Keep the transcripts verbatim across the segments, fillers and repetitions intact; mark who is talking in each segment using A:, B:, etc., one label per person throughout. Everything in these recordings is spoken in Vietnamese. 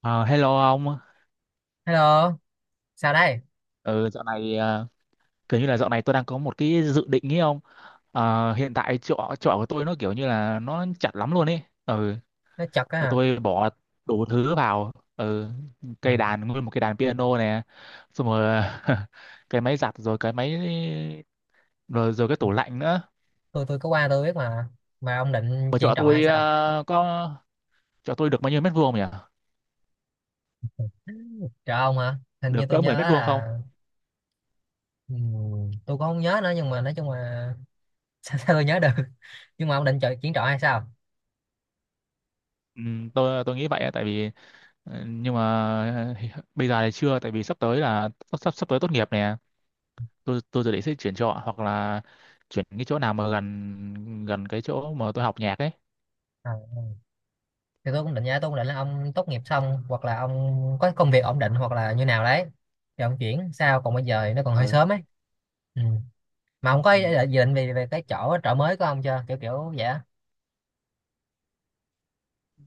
A: Ờ, Hello ông.
B: Hello, sao đây?
A: Ừ, dạo này ờ, kiểu như là dạo này tôi đang có một cái dự định ý ông. Ờ, hiện tại chỗ chỗ của tôi nó kiểu như là nó chặt lắm luôn ấy. Ừ,
B: Nó chật á hả?
A: tôi bỏ đủ thứ vào. Ừ,
B: Ờ,
A: cây đàn nguyên một cây đàn piano nè. Xong rồi cái máy giặt rồi cái máy rồi rồi cái tủ lạnh nữa.
B: Tôi tôi có qua tôi biết mà. Mà ông định
A: Mà
B: chuyện
A: chỗ
B: trọ hay
A: tôi
B: sao?
A: ờ, có chỗ tôi được bao nhiêu mét vuông nhỉ?
B: Trọ ông hả? Hình như
A: Được
B: tôi
A: cỡ
B: nhớ
A: mười mét vuông không?
B: là ừm, tôi cũng không nhớ nữa nhưng mà nói chung là sao, sao tôi nhớ được. Nhưng mà ông định chọn chuyện trọ hay sao?
A: Ừ, tôi tôi nghĩ vậy á, tại vì Ờ, nhưng mà bây giờ thì chưa tại vì sắp tới là sắp sắp, sắp tới tốt nghiệp nè tôi tôi dự định sẽ chuyển trọ hoặc là chuyển cái chỗ nào mà gần gần cái chỗ mà tôi học nhạc ấy.
B: Ờ. Thì tôi cũng định vậy, tôi cũng định là ông tốt nghiệp xong hoặc là ông có công việc ổn định hoặc là như nào đấy. Thì ông chuyển sao còn bây giờ thì nó còn hơi
A: Ờ.
B: sớm ấy. Ừ. Mà ông có
A: Ừ,
B: ý định gì định về về cái chỗ trọ mới của ông chưa? Kiểu kiểu vậy á.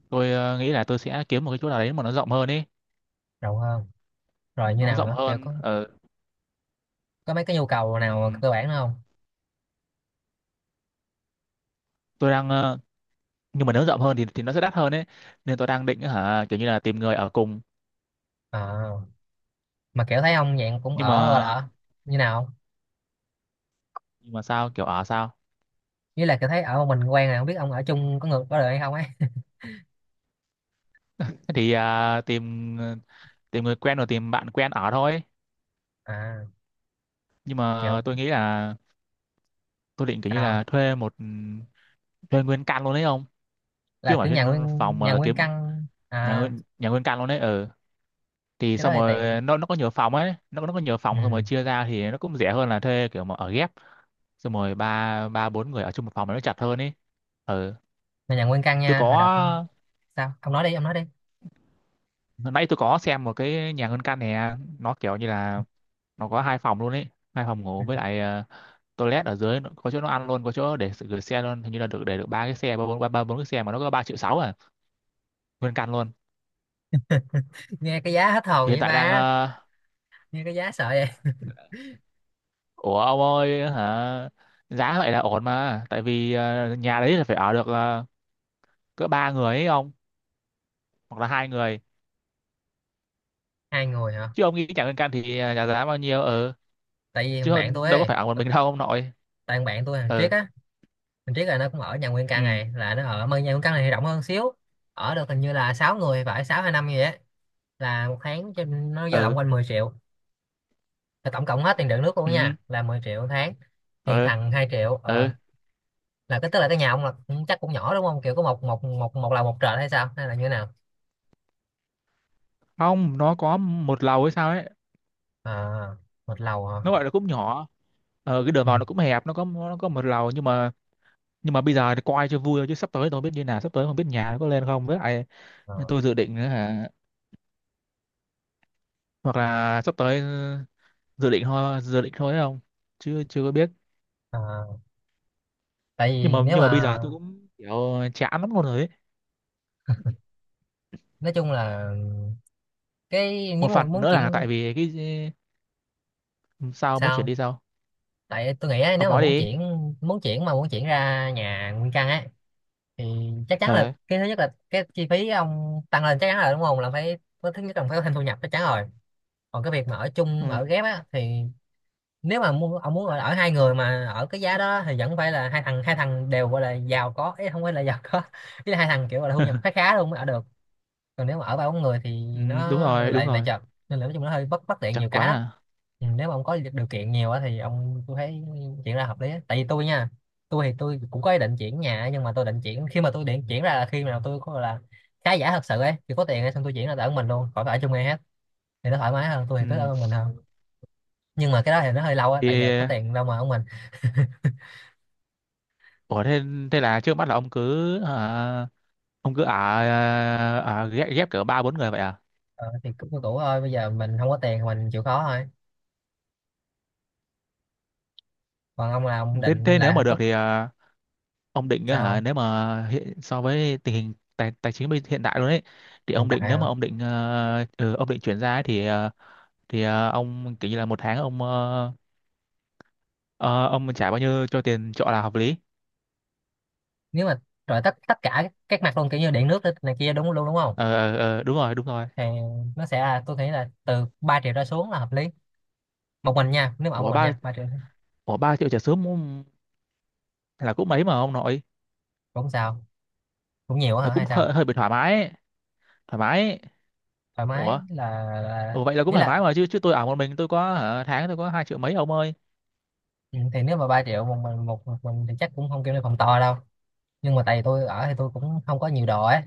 A: tôi ờ, nghĩ là tôi sẽ kiếm một cái chỗ nào đấy mà nó rộng hơn ấy,
B: Rộng hơn. Rồi như
A: nó
B: nào
A: rộng
B: nữa? Kiểu
A: hơn
B: có
A: ờ,
B: có mấy cái nhu cầu nào
A: ừm,
B: cơ bản nữa không?
A: tôi đang ờ, nhưng mà nếu rộng hơn thì thì nó sẽ đắt hơn ấy nên tôi đang định hả kiểu như là tìm người ở cùng.
B: À, mà kiểu thấy ông dạng cũng
A: nhưng
B: ở gọi là
A: mà
B: ở như nào không?
A: nhưng mà sao kiểu ở sao
B: Với là kiểu thấy ở một mình quen này không biết ông ở chung có người có được hay không ấy.
A: thế thì à, tìm ờ, tìm người quen rồi tìm bạn quen ở thôi.
B: À,
A: Nhưng
B: kiểu
A: mà tôi nghĩ là tôi định kiểu như
B: sao
A: là thuê một ừ, thuê nguyên căn luôn đấy không, chứ
B: là
A: không
B: cứ
A: phải
B: nhà
A: thuê
B: nguyên
A: phòng
B: nhà
A: mà là
B: nguyên
A: kiếm
B: căn
A: nhà
B: à?
A: nguyên nhà nguyên căn luôn đấy. Ừ thì
B: Cái đó
A: xong
B: thì tiện.
A: rồi nó nó có nhiều phòng ấy nó nó có nhiều
B: Ừ.
A: phòng xong rồi chia ra thì nó cũng rẻ hơn là thuê kiểu mà ở ghép. Xong rồi ba ba bốn người ở chung một phòng mà nó chặt hơn ấy. Ừ
B: Mà nhà nguyên căn
A: tôi
B: nha hồi đọc,
A: có
B: sao ông nói đi ông nói đi.
A: hồi nãy tôi có xem một cái nhà nguyên căn này nó kiểu như là nó có hai phòng luôn ấy, hai phòng ngủ
B: Ừ,
A: với lại ờ, toilet ở dưới nó- có chỗ nó ăn luôn có chỗ để sự- gửi xe luôn hình như là được để được ba cái xe ba bốn ba ba bốn cái xe mà nó có ba triệu sáu à, nguyên căn luôn.
B: nghe cái giá hết hồn
A: Hiện
B: vậy
A: tại đang
B: ba,
A: ờ,
B: nghe cái giá sợ vậy.
A: ủa ông ơi hả, giá vậy là ổn mà tại vì ờ, nhà đấy là phải ở được ờ, cỡ ba người ấy ông, hoặc là hai người,
B: Hai người hả?
A: chứ ông nghĩ chẳng liên can thì ờ, nhà giá bao nhiêu ừ,
B: Tại vì
A: chứ
B: thằng bạn tôi
A: không- đâu có
B: ấy,
A: phải ở một mình đâu ông nội.
B: tại thằng bạn tôi thằng Triết
A: Ừ
B: á, mình biết là nó cũng ở nhà nguyên
A: ừ
B: căn này là nó ở mà nhà nguyên căn này thì rộng hơn xíu, ở được hình như là sáu người phải sáu 6 hay năm gì á, là một tháng cho nó dao động
A: ừ
B: quanh mười triệu, là tổng cộng hết tiền điện nước luôn á
A: ừ
B: nha là mười triệu một tháng, thì
A: ừ
B: thằng hai triệu. ờ,
A: ừ
B: là cái tức là cái nhà ông là cũng chắc cũng nhỏ đúng không, kiểu có một một một một lầu một trệt hay sao hay là như thế nào?
A: không nó có một lầu hay sao ấy,
B: À, một lầu hả?
A: nó gọi là cũng nhỏ. Ờ cái đường
B: Ừ.
A: vào nó cũng hẹp nó có nó có một lầu, nhưng mà nhưng mà bây giờ thì coi cho vui thôi chứ sắp tới tôi không biết như nào, sắp tới không biết nhà nó có lên không, với lại
B: Ờ.
A: tôi dự định nữa hả, hoặc là sắp tới, dự định thôi, dự định thôi đấy không, chứ chưa có biết.
B: Ờ. Tại
A: Nhưng mà
B: vì nếu
A: nhưng mà bây
B: mà
A: giờ tôi cũng kiểu chán lắm luôn rồi ấy.
B: nói chung là cái nếu
A: Một
B: mà
A: phần
B: muốn
A: nữa là
B: chuyển,
A: tại vì cái sao muốn chuyển
B: sao
A: đi sao
B: tại tôi nghĩ á,
A: ông
B: nếu mà
A: nói
B: muốn
A: đi
B: chuyển, muốn chuyển mà muốn chuyển ra nhà nguyên căn ấy thì chắc chắn là
A: ờ
B: cái thứ nhất là cái chi phí ông tăng lên chắc chắn rồi đúng không, là phải có thứ nhất là phải có thêm thu nhập chắc chắn rồi. Còn cái việc mà ở
A: ừ.
B: chung ở ghép á thì nếu mà muốn ông muốn ở, ở hai người mà ở cái giá đó thì vẫn phải là hai thằng hai thằng đều gọi là giàu có, ý không phải là giàu có ý là hai thằng kiểu gọi là thu nhập khá khá luôn mới ở được. Còn nếu mà ở ba bốn người thì
A: Ừ, đúng
B: nó
A: rồi đúng
B: lại lại
A: rồi,
B: chật, nên là nói chung nó hơi bất bất tiện
A: chật
B: nhiều
A: quá
B: cái lắm.
A: à.
B: Ừ, nếu mà ông có điều kiện nhiều á thì ông tôi thấy chuyển ra hợp lý á. Tại vì tôi nha, tôi thì tôi cũng có ý định chuyển nhà á, nhưng mà tôi định chuyển khi mà tôi định chuyển ra là khi nào tôi có gọi là khá giả thật sự ấy thì có tiền ấy, xong tôi chuyển ra ở mình luôn khỏi phải ở chung ai hết, thì nó thoải mái hơn, tôi thì cứ
A: Ừ,
B: ở một mình hơn. Nhưng mà cái đó thì nó hơi lâu á
A: thì
B: tại giờ có tiền đâu mà ở mình.
A: ủa thế, thế là trước mắt là ông cứ à, ông cứ ở à, ở ghép ghép cỡ ba bốn người vậy à.
B: ờ, thì cứ cũ thôi bây giờ mình không có tiền thì mình chịu khó thôi. Còn ông là ông
A: Thế
B: định
A: thế nếu mà
B: là
A: được
B: tức
A: thì à, ông định á hả,
B: sao,
A: nếu mà hiện, so với tình hình tài, tài chính bây- hiện tại luôn ấy, thì
B: hiện
A: ông
B: tại
A: định nếu
B: hả?
A: mà ông định ờ, ừ, ông định chuyển ra ấy, thì ờ, thì ờ, ông kiểu như là một tháng ông ờ, ờ, ông trả bao nhiêu cho tiền trọ là hợp lý.
B: Nếu mà rồi tất tất cả các mặt luôn kiểu như điện nước này kia đúng luôn đúng không,
A: ờ ờ, ờ, đúng rồi đúng rồi.
B: thì nó sẽ là tôi nghĩ là từ ba triệu ra xuống là hợp lý, một mình nha nếu mà ở một
A: của
B: mình
A: ba
B: nha ba triệu.
A: của ba triệu trả sớm cũng- là cũng mấy mà ông nội,
B: Cũng sao, cũng nhiều
A: là
B: hả
A: cũng
B: hay sao?
A: hơi, hơi bị thoải mái ấy. Thoải mái ấy.
B: Thoải mái
A: Ủa,
B: là, là
A: ủa, vậy là cũng
B: ý
A: thoải
B: là
A: mái mà, chứ chứ tôi ở một mình tôi có hả, tháng tôi có hai triệu mấy ông ơi.
B: ừ, thì nếu mà ba triệu một mình một, một mình thì chắc cũng không kêu lên phòng to đâu, nhưng mà tại vì tôi ở thì tôi cũng không có nhiều đồ ấy,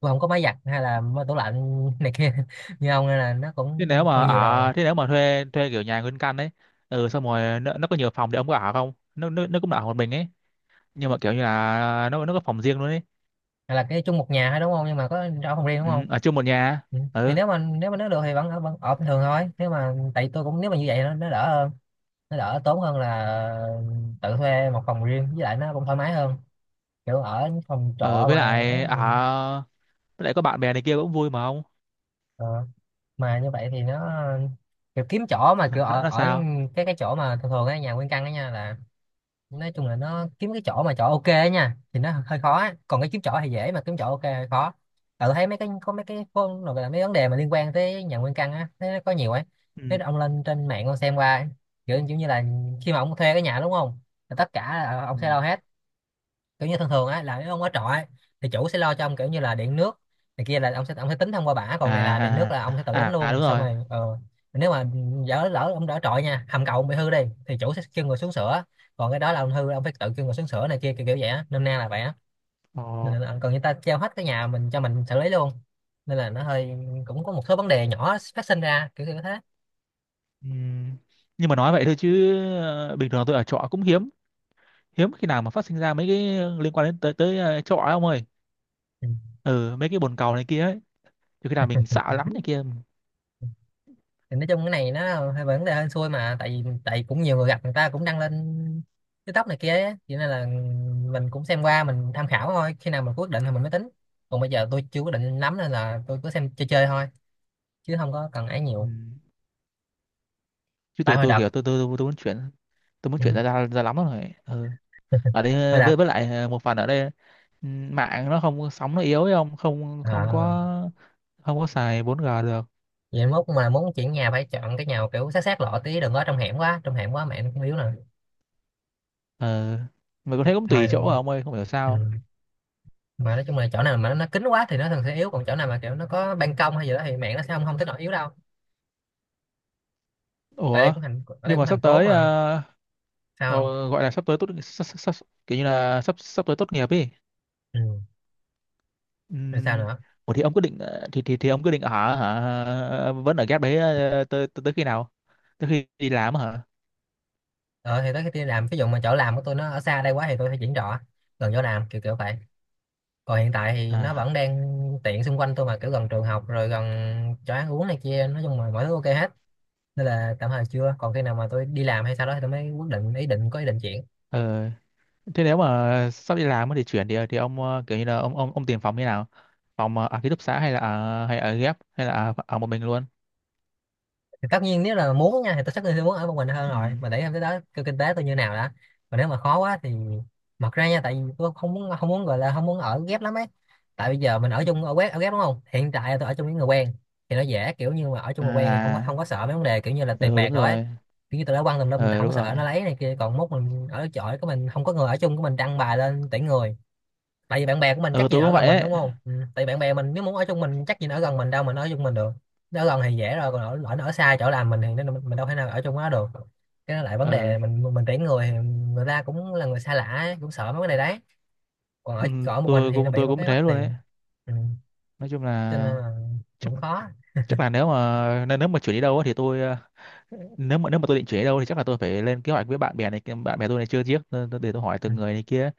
B: tôi không có máy giặt hay là tủ lạnh này kia như ông nên là nó
A: Thế nếu
B: cũng
A: mà
B: không nhiều đồ.
A: ở thế nếu mà thuê thuê kiểu nhà nguyên căn ấy, ừ xong rồi nó, nó có nhiều phòng thì ông có ở không, nó nó, nó cũng ở một mình ấy, nhưng mà kiểu như là nó nó có phòng riêng luôn ấy.
B: Hay là cái chung một nhà thôi đúng không nhưng mà có ở phòng riêng đúng
A: Ừ,
B: không?
A: ở chung một nhà.
B: Ừ. Thì
A: Ừ,
B: nếu mà nếu mà nó được thì vẫn ở vẫn ở bình thường thôi nếu mà tại tôi cũng nếu mà như vậy nó, nó đỡ hơn. Nó đỡ tốn hơn là tự thuê một phòng riêng với lại nó cũng thoải mái hơn kiểu ở những phòng
A: ừ
B: trọ
A: với
B: mà
A: lại
B: ấy
A: ở
B: thì,
A: với lại có bạn bè này kia cũng vui mà ông,
B: ờ, mà như vậy thì nó kiểu kiếm chỗ mà
A: nó,
B: kiểu ở
A: nó
B: ở
A: sao.
B: cái cái chỗ mà thường thường á nhà nguyên căn á nha là nói chung là nó kiếm cái chỗ mà chỗ ok á nha thì nó hơi khó á. Còn cái kiếm chỗ thì dễ mà kiếm chỗ ok hơi khó. Tại tôi thấy mấy cái có mấy cái phone rồi là mấy vấn đề mà liên quan tới nhà nguyên căn á thấy nó có nhiều ấy.
A: Ừ.
B: Thế ông lên trên mạng ông xem qua ấy, kiểu kiểu như là khi mà ông thuê cái nhà đúng không là tất cả là
A: Ừ.
B: ông sẽ lo hết. Kiểu như thường thường á là nếu ông ở trọ ấy, thì chủ sẽ lo cho ông kiểu như là điện nước này kia là ông sẽ ông sẽ tính thông qua bả còn này là điện nước
A: À
B: là ông sẽ tự tính
A: à à,
B: luôn
A: đúng
B: xong
A: rồi.
B: rồi ờ, nếu mà lỡ lỡ ông ở trọ nha hầm cầu ông bị hư đi thì chủ sẽ kêu người xuống sửa, còn cái đó là ông hư ông phải tự kêu người xuống sửa này kia kiểu kiểu vậy á nôm na là vậy á.
A: Ồ.
B: Nên là, còn người ta treo hết cái nhà mình cho mình xử lý luôn nên là nó hơi cũng có một số vấn đề nhỏ phát sinh ra kiểu như thế.
A: Ừ. Nhưng mà nói vậy thôi chứ ờ, bình thường tôi ở trọ cũng hiếm, hiếm khi nào mà phát sinh ra mấy cái liên quan đến tới tới ờ, trọ ấy ông ơi. Ừ mấy cái bồn cầu này kia ấy thì khi nào mình sợ lắm
B: Ừ.
A: này kia.
B: Thì nói chung cái này nó hơi vấn đề hên xui mà tại vì tại vì cũng nhiều người gặp người ta cũng đăng lên TikTok này kia ấy. Cho nên là mình cũng xem qua mình tham khảo thôi khi nào mình quyết định thì mình mới tính, còn bây giờ tôi chưa quyết định lắm nên là tôi cứ xem chơi chơi thôi chứ không có cần ấy
A: Ừ.
B: nhiều.
A: Chứ
B: Tại
A: tôi
B: hồi
A: tôi
B: đợt
A: kiểu tôi tôi tôi, tôi muốn chuyển, tôi muốn
B: ừ,
A: chuyển ra ra, ra lắm rồi. Ừ. Ở đây
B: hồi
A: ờ,
B: đợt
A: với với lại ờ, một phần ở đây ừ, mạng nó không sóng nó yếu ấy không không không
B: à,
A: có, không có xài bốn g được.
B: vậy mốt mà muốn chuyển nhà phải chọn cái nhà kiểu sát sát lộ tí đừng có trong hẻm quá trong hẻm quá mẹ nó cũng yếu nè.
A: Ừ. Mà có thấy cũng
B: Thôi
A: tùy chỗ à ông ơi không hiểu sao.
B: ừ. Mà nói chung là chỗ nào mà nó, nó kín quá thì nó thường sẽ yếu còn chỗ nào mà kiểu nó có ban công hay gì đó thì mẹ nó sẽ không không tới nỗi yếu đâu. Tại đây
A: Ủa
B: cũng thành ở đây
A: nhưng
B: cũng
A: mà
B: thành
A: sắp
B: phố
A: tới
B: mà.
A: ờ,
B: Sao không?
A: ờ, gọi là sắp tới tốt sắp, sắp, sắp, kiểu như là sắp sắp tới tốt nghiệp ấy.
B: Ừ.
A: Ừ.
B: Rồi sao nữa?
A: Ủa thì ông quyết định ờ, thì thì thì ông quyết định ở hả, ờ, vẫn ở ghép đấy ờ, tới tới tới khi nào? Tới khi đi làm hả?
B: Ờ thì tới khi đi làm ví dụ mà chỗ làm của tôi nó ở xa đây quá thì tôi phải chuyển trọ gần chỗ làm kiểu kiểu vậy. Còn hiện tại thì nó
A: À.
B: vẫn đang tiện xung quanh tôi mà kiểu gần trường học rồi gần chỗ ăn uống này kia nói chung là mọi thứ ok hết, nên là tạm thời chưa còn khi nào mà tôi đi làm hay sau đó thì tôi mới quyết định ý định có ý định chuyển.
A: Ừ. Thế nếu mà sắp đi làm ấy thì chuyển thì thì ông ờ, kiểu như là ông ông ông tìm phòng như nào? Phòng ờ, ở ký túc xá hay là ở hay ở ghép hay là ở, ở một mình luôn?
B: Thì tất nhiên nếu là muốn nha thì tôi chắc tôi sẽ muốn ở một mình hơn
A: Ừ.
B: rồi mà để em tới đó kêu kinh tế tôi như nào đã. Còn nếu mà khó quá thì mặc ra nha tại vì tôi không muốn không muốn gọi là không muốn ở ghép lắm ấy. Tại bây giờ mình ở chung ở ghép ở ghép đúng không, hiện tại là tôi ở chung với người quen thì nó dễ kiểu như mà ở chung người quen thì không có
A: À,
B: không có sợ mấy vấn đề kiểu như là tiền
A: ừ
B: bạc
A: đúng
B: rồi ấy.
A: rồi.
B: Kiểu như tôi đã quăng tùm lum tôi
A: Ừ
B: không có
A: đúng rồi.
B: sợ nó lấy này kia còn mốt mình ở chỗ của mình không có người ở chung của mình đăng bài lên tuyển người. Tại vì bạn bè của mình
A: Ừ
B: chắc gì
A: tôi
B: ở
A: cũng
B: gần
A: vậy
B: mình
A: ấy.
B: đúng không? Ừ. Tại vì bạn bè mình nếu muốn ở chung mình chắc gì nó ở gần mình đâu mình ở chung mình được. Nó ở gần thì dễ rồi còn ở, ở, nó ở xa chỗ làm mình thì nó mình đâu thể nào ở chung nó được. Cái đó lại vấn
A: Ừ,
B: đề mình mình tuyển người thì người ta cũng là người xa lạ ấy, cũng sợ mấy cái này đấy. Còn ở
A: ừ
B: còn ở một mình
A: tôi
B: thì nó
A: cũng
B: bị
A: tôi
B: một
A: cũng
B: cái mắc
A: thế luôn
B: tiền.
A: ấy.
B: Ừ.
A: Nói chung
B: Cho nên
A: là
B: là cũng khó.
A: chắc là nếu mà nếu nếu mà chuyển đi đâu á thì tôi ờ, nếu mà nếu mà tôi định chuyển đi đâu thì chắc là tôi phải lên kế hoạch với bạn bè này kia- bạn bè tôi này chưa chiếc, để tôi hỏi
B: Ừ.
A: từng người này kia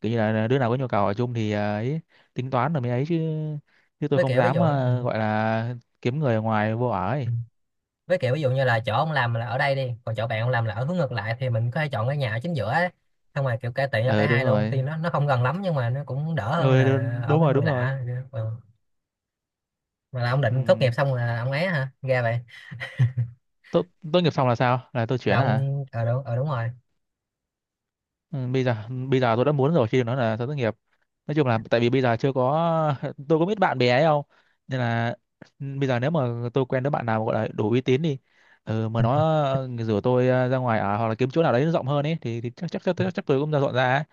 A: kiểu như là ờ, đứa nào có nhu cầu ở chung thì ờ, ấy, tính toán rồi mới ấy chứ, chứ tôi
B: Với
A: không
B: kiểu ví
A: dám
B: dụ ừ.
A: ờ, gọi là kiếm người ở ngoài vô ở
B: Ừ.
A: ấy.
B: Với kiểu ví dụ như là chỗ ông làm là ở đây đi còn chỗ bạn ông làm là ở hướng ngược lại thì mình có thể chọn cái nhà ở chính giữa ấy. Xong rồi kiểu cải tiện cho
A: Ờ
B: cả
A: đúng
B: hai luôn
A: rồi.
B: tuy nó nó không gần lắm nhưng mà nó cũng đỡ hơn
A: Ờ
B: là
A: đúng
B: ở
A: đúng
B: với
A: rồi
B: người
A: đúng rồi.
B: lạ. Ừ. Mà là ông
A: Ừ.
B: định tốt nghiệp xong là ông ấy hả ra vậy?
A: Tốt, tốt nghiệp xong là sao là tôi
B: Là
A: chuyển hả.
B: ông ờ đúng, ờ, đúng rồi
A: Ừ, bây giờ bây giờ tôi đã muốn rồi khi nó là thất nghiệp, nói chung là tại vì bây giờ chưa có tôi có biết bạn bè ấy không nên là ừ, bây giờ nếu mà tôi quen đứa bạn nào gọi là đủ uy tín đi ừ, mà nó ờ, rủ tôi ờ, ra ngoài ở hoặc là kiếm chỗ nào đấy nó rộng hơn ấy thì, thì chắc, chắc chắc chắc tôi cũng ra dọn ra ấy.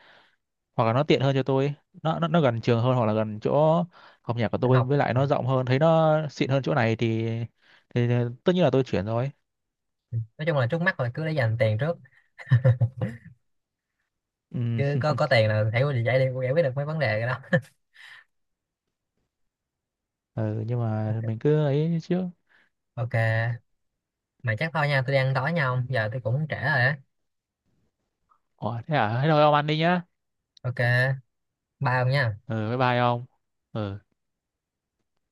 A: Hoặc là nó tiện hơn cho tôi, nó nó nó gần trường hơn hoặc là gần chỗ học nhạc của
B: định
A: tôi
B: học.
A: với lại
B: Ờ.
A: nó rộng hơn thấy nó xịn hơn chỗ này thì thì tất nhiên là tôi chuyển rồi.
B: Nói chung là trước mắt rồi cứ để dành tiền trước,
A: Ừ,
B: cứ có có tiền là thấy giải đi giải quyết được mấy vấn đề rồi đó.
A: ừ nhưng mà
B: Ok.
A: mình cứ ấy trước.
B: Ok. Mà chắc thôi nha tôi đang đói
A: Ừ.
B: nhau giờ tôi cũng trễ rồi á.
A: Ủa, thế à? Thế thôi ông ăn đi nhá.
B: Ok, bye ông nha.
A: Ừ bye bye ông. Ừ